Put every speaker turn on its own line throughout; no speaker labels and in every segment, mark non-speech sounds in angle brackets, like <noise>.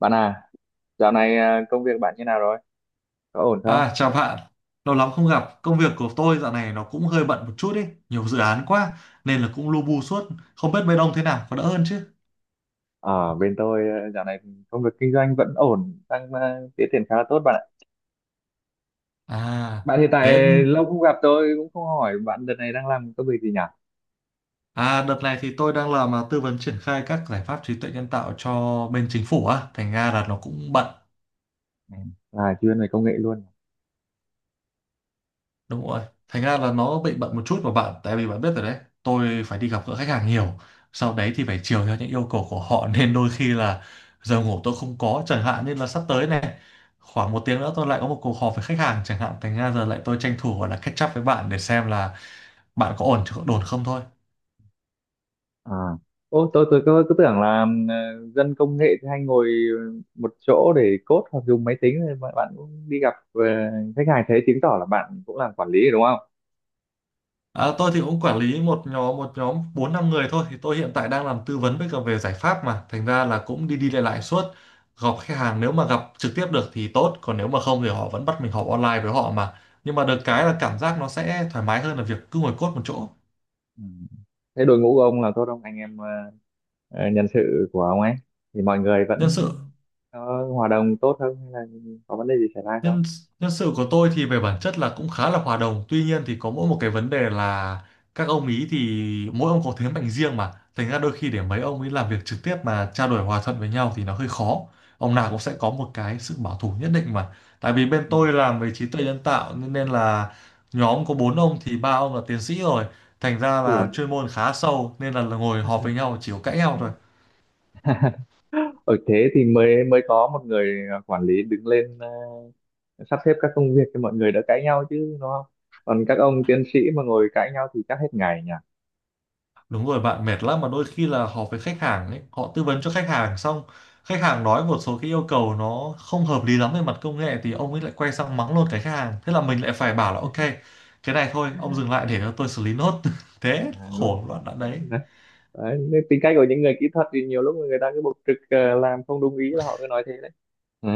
Bạn à, dạo này công việc bạn như nào rồi? Có ổn không?
À, chào bạn, lâu lắm không gặp. Công việc của tôi dạo này nó cũng hơi bận một chút ý, nhiều dự án quá nên là cũng lu bu suốt. Không biết bên ông thế nào, có đỡ hơn chứ?
Ở bên tôi à, dạo này công việc kinh doanh vẫn ổn, đang tiến triển khá là tốt bạn ạ.
À,
Bạn hiện tại
thế
lâu không gặp tôi cũng không hỏi bạn đợt này đang làm công việc gì nhỉ?
à, đợt này thì tôi đang làm tư vấn triển khai các giải pháp trí tuệ nhân tạo cho bên chính phủ á, thành ra là nó cũng bận.
Ừ, là chuyên về công nghệ luôn.
Đúng rồi. Thành ra là nó bị bận một chút mà bạn, tại vì bạn biết rồi đấy, tôi phải đi gặp gỡ khách hàng nhiều. Sau đấy thì phải chiều theo những yêu cầu của họ <laughs> nên đôi khi là giờ ngủ tôi không có chẳng hạn, nên là sắp tới này khoảng một tiếng nữa tôi lại có một cuộc họp với khách hàng chẳng hạn, thành ra giờ lại tôi tranh thủ gọi là catch up với bạn để xem là bạn có ổn chứ, có ổn không thôi.
À. Ô, tôi cứ tưởng là dân công nghệ thì hay ngồi một chỗ để code hoặc dùng máy tính thì bạn cũng đi gặp khách hàng, thế chứng tỏ là bạn cũng làm quản lý rồi đúng không?
À, tôi thì cũng quản lý một nhóm bốn năm người thôi, thì tôi hiện tại đang làm tư vấn với cả về giải pháp mà thành ra là cũng đi đi lại lại suốt, gặp khách hàng nếu mà gặp trực tiếp được thì tốt, còn nếu mà không thì họ vẫn bắt mình họp online với họ, mà nhưng mà được cái là cảm giác nó sẽ thoải mái hơn là việc cứ ngồi cốt một chỗ.
Ừ. Thế đội ngũ của ông là tốt không? Anh em nhân sự của ông ấy thì mọi người
Nhân
vẫn
sự.
có hòa đồng tốt không hay là có vấn đề gì xảy ra không?
Nhân nhân sự của tôi thì về bản chất là cũng khá là hòa đồng. Tuy nhiên thì có mỗi một cái vấn đề là các ông ý thì mỗi ông có thế mạnh riêng mà. Thành ra đôi khi để mấy ông ấy làm việc trực tiếp mà trao đổi hòa thuận với nhau thì nó hơi khó. Ông nào cũng sẽ có một cái sự bảo thủ nhất định mà. Tại vì bên
Ừ.
tôi làm về trí tuệ nhân tạo nên nên là nhóm có bốn ông thì ba ông là tiến sĩ rồi. Thành ra
Ui, rồi
là chuyên môn khá sâu nên là ngồi họp với nhau
<laughs>
chỉ có cãi nhau thôi.
ở thế thì mới mới có một người quản lý đứng lên, sắp xếp các công việc cho mọi người đỡ cãi nhau chứ đúng không, còn các ông tiến sĩ mà ngồi cãi nhau thì chắc hết ngày nhỉ.
Đúng rồi bạn, mệt lắm mà, đôi khi là họp với khách hàng ấy, họ tư vấn cho khách hàng xong, khách hàng nói một số cái yêu cầu nó không hợp lý lắm về mặt công nghệ thì ông ấy lại quay sang mắng luôn cái khách hàng. Thế là mình lại phải bảo là ok, cái này thôi, ông dừng lại để cho tôi xử lý nốt. <laughs> Thế
À, đúng rồi.
khổ đoạn đoạn đấy.
Đấy, đấy, nên tính cách của những người kỹ thuật thì nhiều lúc người ta cứ bộc trực, làm không đúng ý là họ cứ nói thế đấy. Ừ.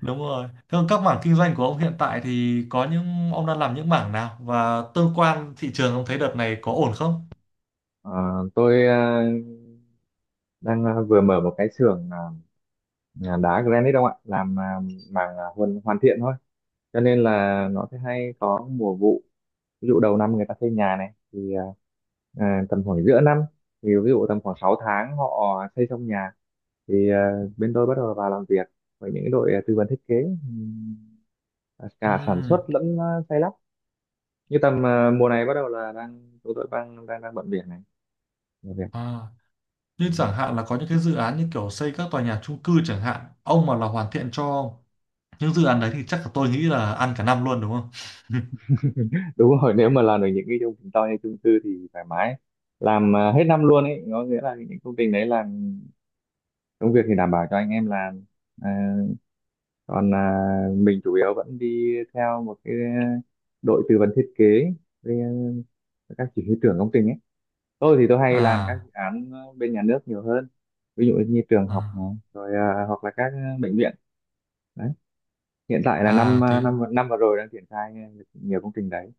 Đúng rồi. Thế còn các mảng kinh doanh của ông hiện tại thì có những ông đang làm những mảng nào, và tương quan thị trường ông thấy đợt này có ổn không?
Ờ, tôi đang vừa mở một cái xưởng đá granite không ạ, làm màng hoàn hoàn thiện thôi, cho nên là nó sẽ hay có mùa vụ. Ví dụ đầu năm người ta xây nhà này thì tầm khoảng giữa năm, thì ví dụ tầm khoảng 6 tháng họ xây xong nhà thì bên tôi bắt đầu vào làm việc với những đội tư vấn thiết kế, ừm,
Ừ.
cả sản xuất lẫn xây lắp. Như tầm mùa này bắt đầu là đang tụi tôi đang đang đang bận việc này, làm việc.
À, như chẳng hạn là có những cái dự án như kiểu xây các tòa nhà chung cư chẳng hạn, ông mà là hoàn thiện cho những dự án đấy thì chắc là tôi nghĩ là ăn cả năm luôn đúng không? <laughs>
Đúng rồi, nếu mà làm được những cái công trình to như chung cư thì thoải mái, làm hết năm luôn ấy, có nghĩa là những công trình đấy làm công việc thì đảm bảo cho anh em làm. à, còn mình chủ yếu vẫn đi theo một cái đội tư vấn thiết kế với các chỉ huy trưởng công trình ấy. Tôi thì tôi hay làm các
À,
dự án bên nhà nước nhiều hơn, ví dụ như trường học này,
à,
rồi hoặc là các bệnh viện. Đấy, hiện tại là năm
à, thế
năm năm vừa rồi đang triển khai nhiều công trình đấy.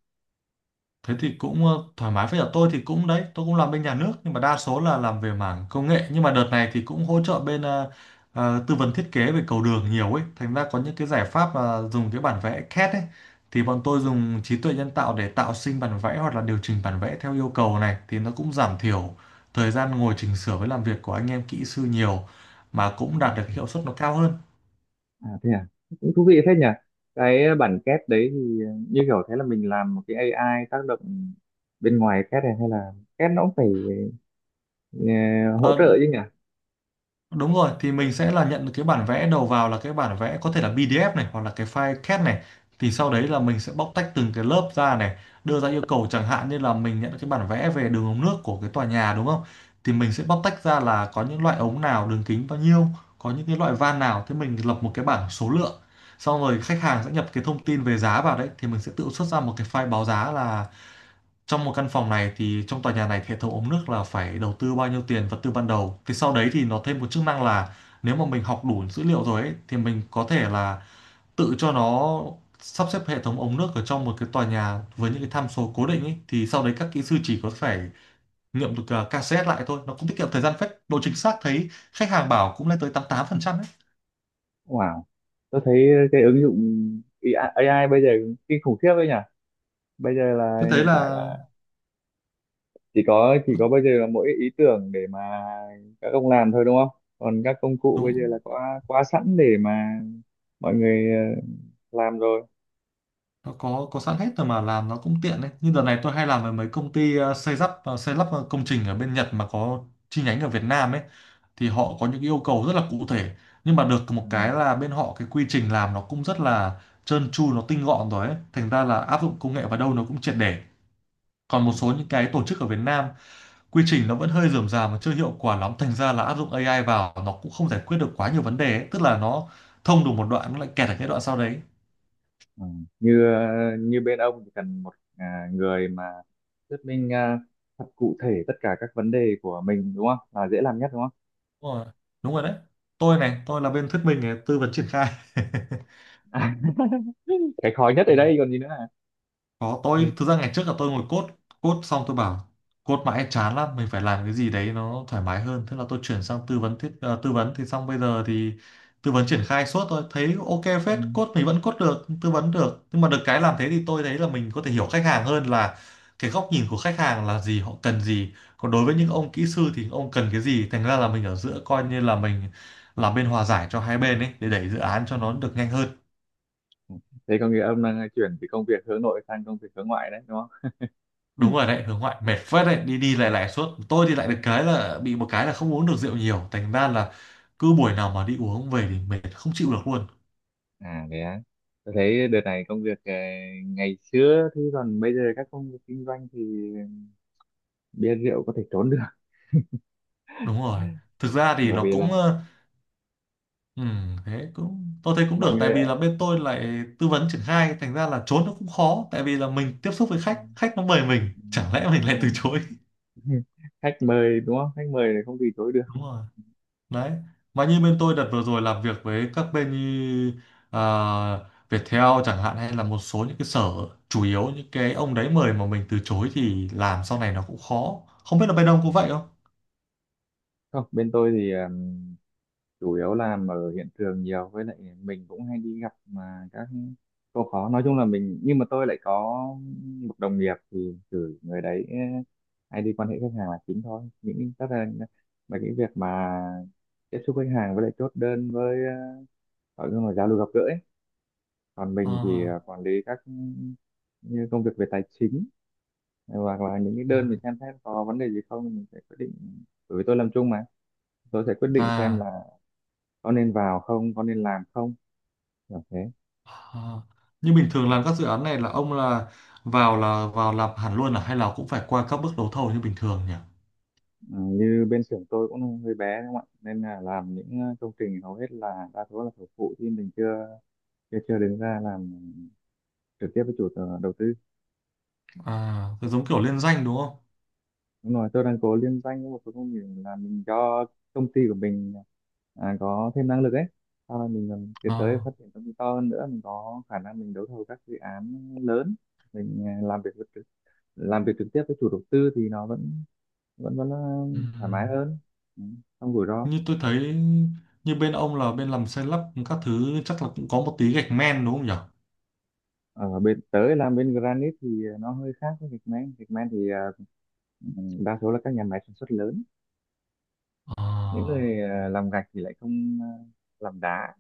thế thì cũng thoải mái, với cả tôi thì cũng đấy, tôi cũng làm bên nhà nước nhưng mà đa số là làm về mảng công nghệ, nhưng mà đợt này thì cũng hỗ trợ bên tư vấn thiết kế về cầu đường nhiều ấy, thành ra có những cái giải pháp mà dùng cái bản vẽ CAD ấy thì bọn tôi dùng trí tuệ nhân tạo để tạo sinh bản vẽ hoặc là điều chỉnh bản vẽ theo yêu cầu, này thì nó cũng giảm thiểu thời gian ngồi chỉnh sửa với làm việc của anh em kỹ sư nhiều, mà cũng đạt được hiệu suất nó cao hơn.
À thế à, cũng thú vị phết nhỉ. Cái bản két đấy thì như kiểu thế là mình làm một cái AI tác động bên ngoài két này, hay là két nó cũng phải ờ, hỗ
Ờ,
trợ chứ nhỉ?
đúng rồi, thì mình sẽ là nhận được cái bản vẽ đầu vào là cái bản vẽ có thể là PDF này hoặc là cái file CAD này. Thì sau
Ừ.
đấy là mình sẽ bóc tách từng cái lớp ra này, đưa ra yêu cầu chẳng hạn như là mình nhận cái bản vẽ về đường ống nước của cái tòa nhà đúng không? Thì mình sẽ bóc tách ra là có những loại ống nào, đường kính bao nhiêu, có những cái loại van nào, thế mình lập một cái bảng số lượng. Xong rồi khách hàng sẽ nhập cái thông tin về giá vào đấy thì mình sẽ tự xuất ra một cái file báo giá là trong một căn phòng này thì trong tòa nhà này hệ thống ống nước là phải đầu tư bao nhiêu tiền vật tư ban đầu, thì sau đấy thì nó thêm một chức năng là nếu mà mình học đủ dữ liệu rồi ấy, thì mình có thể là tự cho nó sắp xếp hệ thống ống nước ở trong một cái tòa nhà với những cái tham số cố định ấy, thì sau đấy các kỹ sư chỉ có phải nghiệm được KCS lại thôi, nó cũng tiết kiệm thời gian phết, độ chính xác thấy khách hàng bảo cũng lên tới 88% ấy.
Wow, tôi thấy cái ứng dụng AI AI bây giờ kinh khủng khiếp đấy nhỉ. Bây giờ
Tôi
là
thấy
hiện tại
là
là chỉ có bây giờ là mỗi ý tưởng để mà các ông làm thôi đúng không? Còn các công cụ bây giờ
đúng,
là có quá sẵn để mà mọi người làm rồi.
nó có sẵn hết rồi mà, làm nó cũng tiện đấy, như đợt này tôi hay làm với mấy công ty xây lắp công trình ở bên Nhật mà có chi nhánh ở Việt Nam ấy, thì họ có những yêu cầu rất là cụ thể, nhưng mà được
Ừ.
một cái là bên họ cái quy trình làm nó cũng rất là trơn tru, nó tinh gọn rồi ấy, thành ra là áp dụng công nghệ vào đâu nó cũng triệt để, còn
Ừ.
một số những cái tổ chức ở Việt Nam quy trình nó vẫn hơi rườm rà mà chưa hiệu quả lắm, thành ra là áp dụng AI vào nó cũng không giải quyết được quá nhiều vấn đề ấy. Tức là nó thông được một đoạn nó lại kẹt ở cái đoạn sau đấy.
Ừ. Như ờ, như bên ông thì cần một người mà thuyết minh thật cụ thể tất cả các vấn đề của mình đúng không? Là dễ làm nhất đúng không?
Đúng rồi. Đúng rồi đấy. Tôi này, tôi là bên thuyết minh này, tư vấn triển khai. <laughs>
Cái khó nhất
Ừ.
ở đây còn gì nữa à?
Có, tôi
Ừ.
thực ra ngày trước là tôi ngồi code code xong tôi bảo code mãi chán lắm, mình phải làm cái gì đấy nó thoải mái hơn, thế là tôi chuyển sang tư vấn, thì xong bây giờ thì tư vấn triển khai suốt, tôi thấy ok
Ừ.
phết, code mình vẫn code được, tư vấn được, nhưng mà được cái làm thế thì tôi thấy là mình có thể hiểu khách hàng hơn, là cái góc nhìn của khách hàng là gì, họ cần gì, còn đối với những ông kỹ sư thì ông cần cái gì, thành ra là mình ở giữa, coi như là mình làm bên hòa giải cho hai bên ấy để đẩy dự án cho nó được nhanh
<laughs>
hơn.
Ừ. Thế có nghĩa ông đang chuyển từ công việc hướng nội sang công việc hướng ngoại đấy đúng không? Ừ.
Đúng rồi đấy, hướng ngoại mệt phết đấy, đi đi lại lại suốt, tôi thì lại được
Ừ.
cái là bị một cái là không uống được rượu nhiều, thành ra là cứ buổi nào mà đi uống về thì mệt không chịu được luôn.
À thế á. Tôi thấy đợt này công việc ngày xưa thì còn bây giờ các công việc kinh doanh thì bia rượu có thể trốn được,
Đúng rồi, thực ra thì
bởi
nó
vì là
cũng thế cũng tôi thấy cũng
mọi
được, tại
người.
vì là bên tôi lại tư vấn triển khai, thành ra là trốn nó cũng khó, tại vì là mình tiếp xúc với khách khách, nó mời mình
Ừ.
chẳng lẽ mình
Đúng
lại từ
rồi.
chối.
<laughs> Khách mời đúng không, khách mời thì không từ chối được.
Đúng rồi. Đấy. Mà như bên tôi đợt vừa rồi làm việc với các bên như à, Viettel chẳng hạn, hay là một số những cái sở, chủ yếu những cái ông đấy mời mà mình từ chối thì làm sau này nó cũng khó. Không biết là bên ông
Ừ.
có vậy không?
Không, bên tôi thì chủ yếu làm ở hiện trường nhiều, với lại mình cũng hay đi gặp mà các cô khó, nói chung là mình, nhưng mà tôi lại có một đồng nghiệp thì cử người đấy, hay đi quan hệ khách hàng là chính thôi, những tất là những việc mà tiếp xúc khách hàng với lại chốt đơn, với gọi là giao lưu gặp gỡ ấy. Còn mình thì
À,
quản lý các như công việc về tài chính, hoặc là những cái
à,
đơn mình xem xét có vấn đề gì không mình sẽ quyết định, bởi vì tôi làm chung mà, tôi sẽ quyết định xem là
à.
có nên vào không, có nên làm không, kiểu thế.
À. Như bình thường
Ừ.
làm các dự án này là ông là vào làm hẳn luôn à, hay là cũng phải qua các bước đấu thầu như bình thường nhỉ?
Ừ, như bên xưởng tôi cũng hơi bé đúng không ạ, nên là làm những công trình hầu hết là đa số là thầu phụ, thì mình chưa chưa chưa đứng ra làm trực tiếp với đầu tư.
À, giống kiểu liên danh đúng không?
Đúng rồi, tôi đang cố liên danh với một số công việc là mình cho công ty của mình có thêm năng lực ấy. Sau này mình còn tiến tới
À.
phát triển công ty to hơn nữa, mình có khả năng mình đấu thầu các dự án lớn, mình làm việc trực tiếp với chủ đầu tư thì nó vẫn vẫn vẫn là
Ừ.
thoải mái hơn, ừ, không rủi ro.
Như tôi thấy như bên ông là bên làm xây lắp các thứ chắc là cũng có một tí gạch men đúng không nhỉ?
Ở bên tới làm bên Granite thì nó hơi khác với gạch men. Gạch men thì à, ừ, đa số là các nhà máy sản xuất lớn. Những
À,
người làm gạch thì lại không làm đá,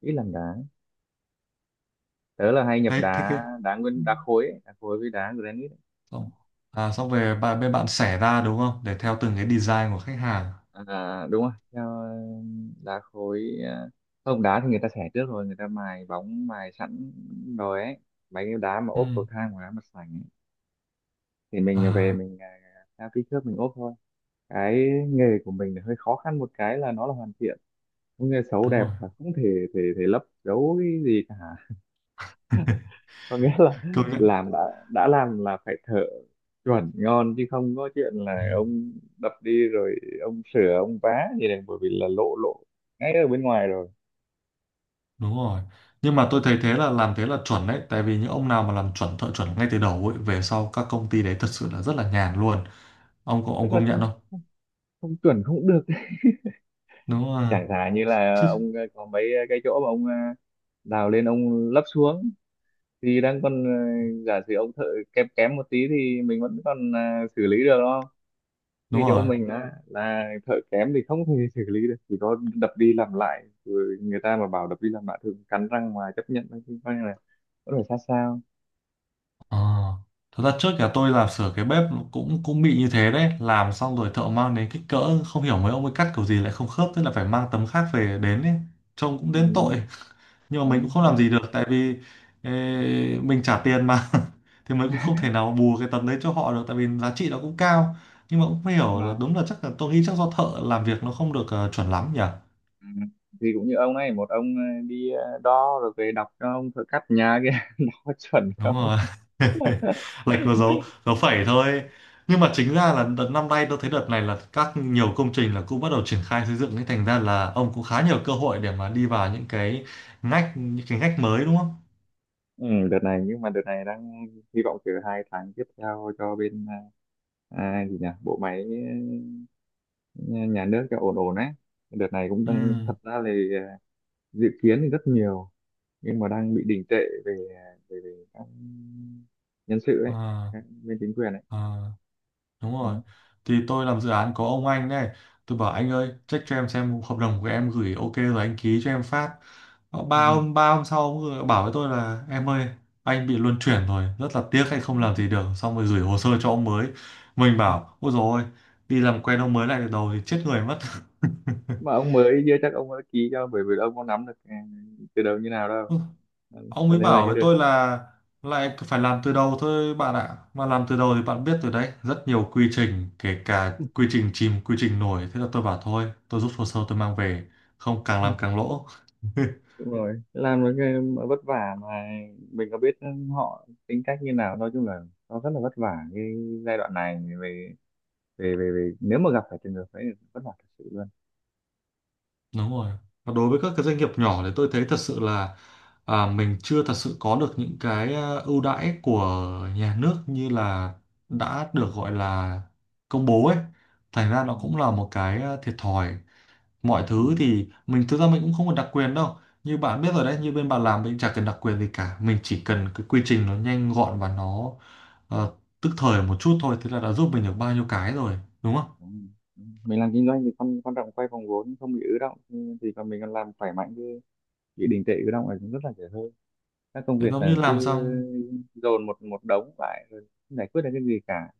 ít làm đá. Tớ là hay nhập
thế thế
đá,
cái.
đá
Ừ.
nguyên đá khối ấy, đá khối với đá granite
xong xong về bên bạn xẻ ra đúng không? Để theo từng cái design của khách hàng.
ấy. À, đúng rồi, theo đá khối, không, đá thì người ta xẻ trước rồi người ta mài bóng mài sẵn rồi ấy, mấy cái đá mà
Ừ.
ốp cầu thang hoặc đá mặt sảnh ấy. Thì mình về
À
mình theo kích thước mình ốp thôi. Cái nghề của mình là hơi khó khăn, một cái là nó là hoàn thiện, nghề xấu
đúng
đẹp
rồi.
là không thể thể thể lấp giấu cái gì cả,
<laughs>
có nghĩa là
Công nhận.
làm đã làm là phải thợ chuẩn ngon, chứ không có chuyện
Ừ,
là ông đập đi rồi ông sửa ông vá gì này, bởi vì là lộ lộ ngay ở bên ngoài rồi.
đúng rồi. Nhưng mà tôi thấy thế là làm thế là chuẩn đấy, tại vì những ông nào mà làm chuẩn, thợ chuẩn ngay từ đầu ấy, về sau các công ty đấy thật sự là rất là nhàn luôn. Ông có ông công nhận không?
Không chuẩn không được.
Đúng rồi.
Chẳng thà như
<laughs>
là
Chứ-
ông, có mấy cái chỗ mà ông, đào lên ông lấp xuống thì đang còn, giả sử ông thợ kém kém một tí thì mình vẫn còn, xử lý được đúng không,
Đúng
như chỗ
rồi.
mình là thợ kém thì không thể xử lý được, chỉ có đập đi làm lại, rồi người ta mà bảo đập đi làm lại thường cắn răng mà chấp nhận thôi, chứ coi như là có thể sát sao.
Ờ. Thật ra trước nhà tôi làm sửa cái bếp cũng cũng bị như thế đấy, làm xong rồi thợ mang đến kích cỡ không hiểu mấy ông ấy cắt kiểu gì lại không khớp, thế là phải mang tấm khác về đến ấy. Trông cũng
Ừ,
đến
đúng rồi.
tội. <laughs> Nhưng
Ừ,
mà mình cũng không làm
đấy.
gì được, tại vì ê, mình trả tiền mà. <laughs> Thì mình cũng không
<laughs>
thể nào bù cái tấm đấy cho họ được, tại vì giá trị nó cũng cao. Nhưng mà cũng không
Đúng
hiểu là,
rồi.
đúng là chắc là tôi nghĩ chắc do thợ làm việc nó không được chuẩn lắm nhỉ.
Ừ. Thì cũng như ông này, một ông đi đo rồi về đọc cho ông thợ cắt nhà kia <laughs> đo chuẩn
Đúng
không.
rồi.
<laughs>
<laughs> Lệch vào dấu dấu phẩy thôi. Nhưng mà chính ra là đợt năm nay tôi thấy, đợt này là các nhiều công trình là cũng bắt đầu triển khai xây dựng, nên thành ra là ông cũng khá nhiều cơ hội để mà đi vào những cái ngách, những cái ngách mới, đúng không?
Ừ, đợt này, nhưng mà đợt này đang hy vọng từ hai tháng tiếp theo cho bên, gì nhỉ, bộ máy ờ, nhà nước cho ổn ổn ấy. Đợt này cũng
Ừ,
đang, thật ra là dự kiến thì rất nhiều nhưng mà đang bị đình trệ về về các nhân sự ấy,
à,
các bên chính quyền ấy.
à. Đúng rồi.
Đó.
Thì tôi làm dự án có ông anh này. Tôi bảo anh ơi, check cho em xem hợp đồng của em gửi ok rồi anh ký cho em phát. Ờ,
Ừ.
ba hôm, ba hôm sau ông vừa bảo với tôi là em ơi, anh bị luân chuyển rồi, rất là tiếc anh không làm gì được. Xong rồi gửi hồ sơ cho ông mới. Mình bảo, ôi dồi ôi, đi làm quen ông mới lại từ đầu thì chết người mất.
Mà ông mới kia chắc ông đã ký cho, bởi vì ông có nắm được từ đầu như nào đâu.
<laughs>
Đó.
Ông
Cho
ấy
nên là
bảo
cái
với tôi
được.
là lại phải làm từ đầu thôi bạn ạ. Mà làm từ đầu thì bạn biết rồi đấy, rất nhiều quy trình, kể cả quy trình chìm, quy trình nổi. Thế là tôi bảo thôi, tôi rút hồ sơ tôi mang về, không càng làm càng lỗ. <laughs>
Đúng rồi, làm một cái mà vất vả, mà mình có biết họ tính cách như nào, nói chung là nó rất là vất vả cái giai đoạn này về về nếu mà gặp phải trường hợp ấy thì vất vả thật sự luôn.
Đúng rồi. Và đối với các cái doanh nghiệp nhỏ thì tôi thấy thật sự là mình chưa thật sự có được những cái ưu đãi của nhà nước như là đã được gọi là công bố ấy. Thành ra
Ừ.
nó cũng là một cái thiệt thòi. Mọi
Ừ.
thứ thì mình, thực ra mình cũng không có đặc quyền đâu. Như bạn biết rồi đấy, như bên bạn làm, mình chả cần đặc quyền gì cả, mình chỉ cần cái quy trình nó nhanh gọn và nó ờ, tức thời một chút thôi, thế là đã giúp mình được bao nhiêu cái rồi, đúng không?
Đúng. Đúng. Mình làm kinh doanh thì quan quan trọng quay vòng vốn không bị ứ động thì còn mình còn làm khỏe mạnh chứ, bị đình trệ ứ động là cũng rất là dễ hơi, các công
Thế
việc
giống như
là cứ
làm xong,
dồn một một đống lại rồi không giải quyết được cái gì cả.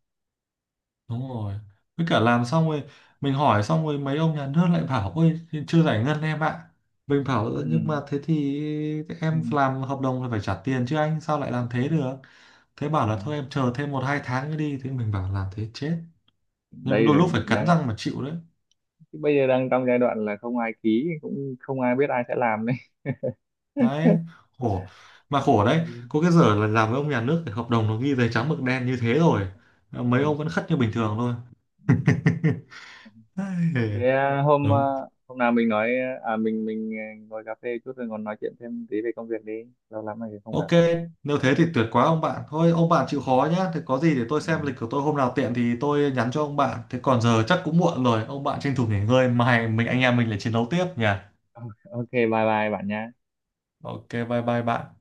đúng rồi, với cả làm xong rồi mình hỏi, xong rồi mấy ông nhà nước lại bảo ôi chưa giải ngân em ạ. Mình bảo
Ừ.
"Ơ, nhưng mà thế thì
Ừ.
em làm hợp đồng là phải trả tiền chứ, anh sao lại làm thế được". Thế bảo là
Đấy.
thôi em chờ thêm một hai tháng nữa đi, thế mình bảo làm thế chết. Nhưng
Đây
đôi
là
lúc phải cắn
đang,
răng mà chịu đấy.
chứ bây giờ đang trong giai đoạn là không ai ký cũng không ai biết ai sẽ làm đấy.
Đấy, khổ. Mà khổ đấy,
Ừ.
có cái giờ là làm với ông nhà nước thì hợp đồng nó ghi giấy trắng mực đen như thế rồi,
Ừ.
mấy ông vẫn khất như bình thường thôi. <laughs> Ai,
Thế
đúng.
hôm nào mình nói, ngồi cà phê chút rồi còn nói chuyện thêm tí về công việc đi, lâu lắm rồi không gặp ấy.
Ok, nếu thế thì tuyệt quá ông bạn. Thôi ông bạn chịu khó nhá, thì có gì để tôi
Ừ.
xem lịch của tôi, hôm nào tiện thì tôi nhắn cho ông bạn. Thế còn giờ chắc cũng muộn rồi, ông bạn tranh thủ nghỉ ngơi, mai mình, anh em mình lại chiến đấu tiếp nhỉ.
OK, bye bye bạn nha.
Ok, bye bye bạn.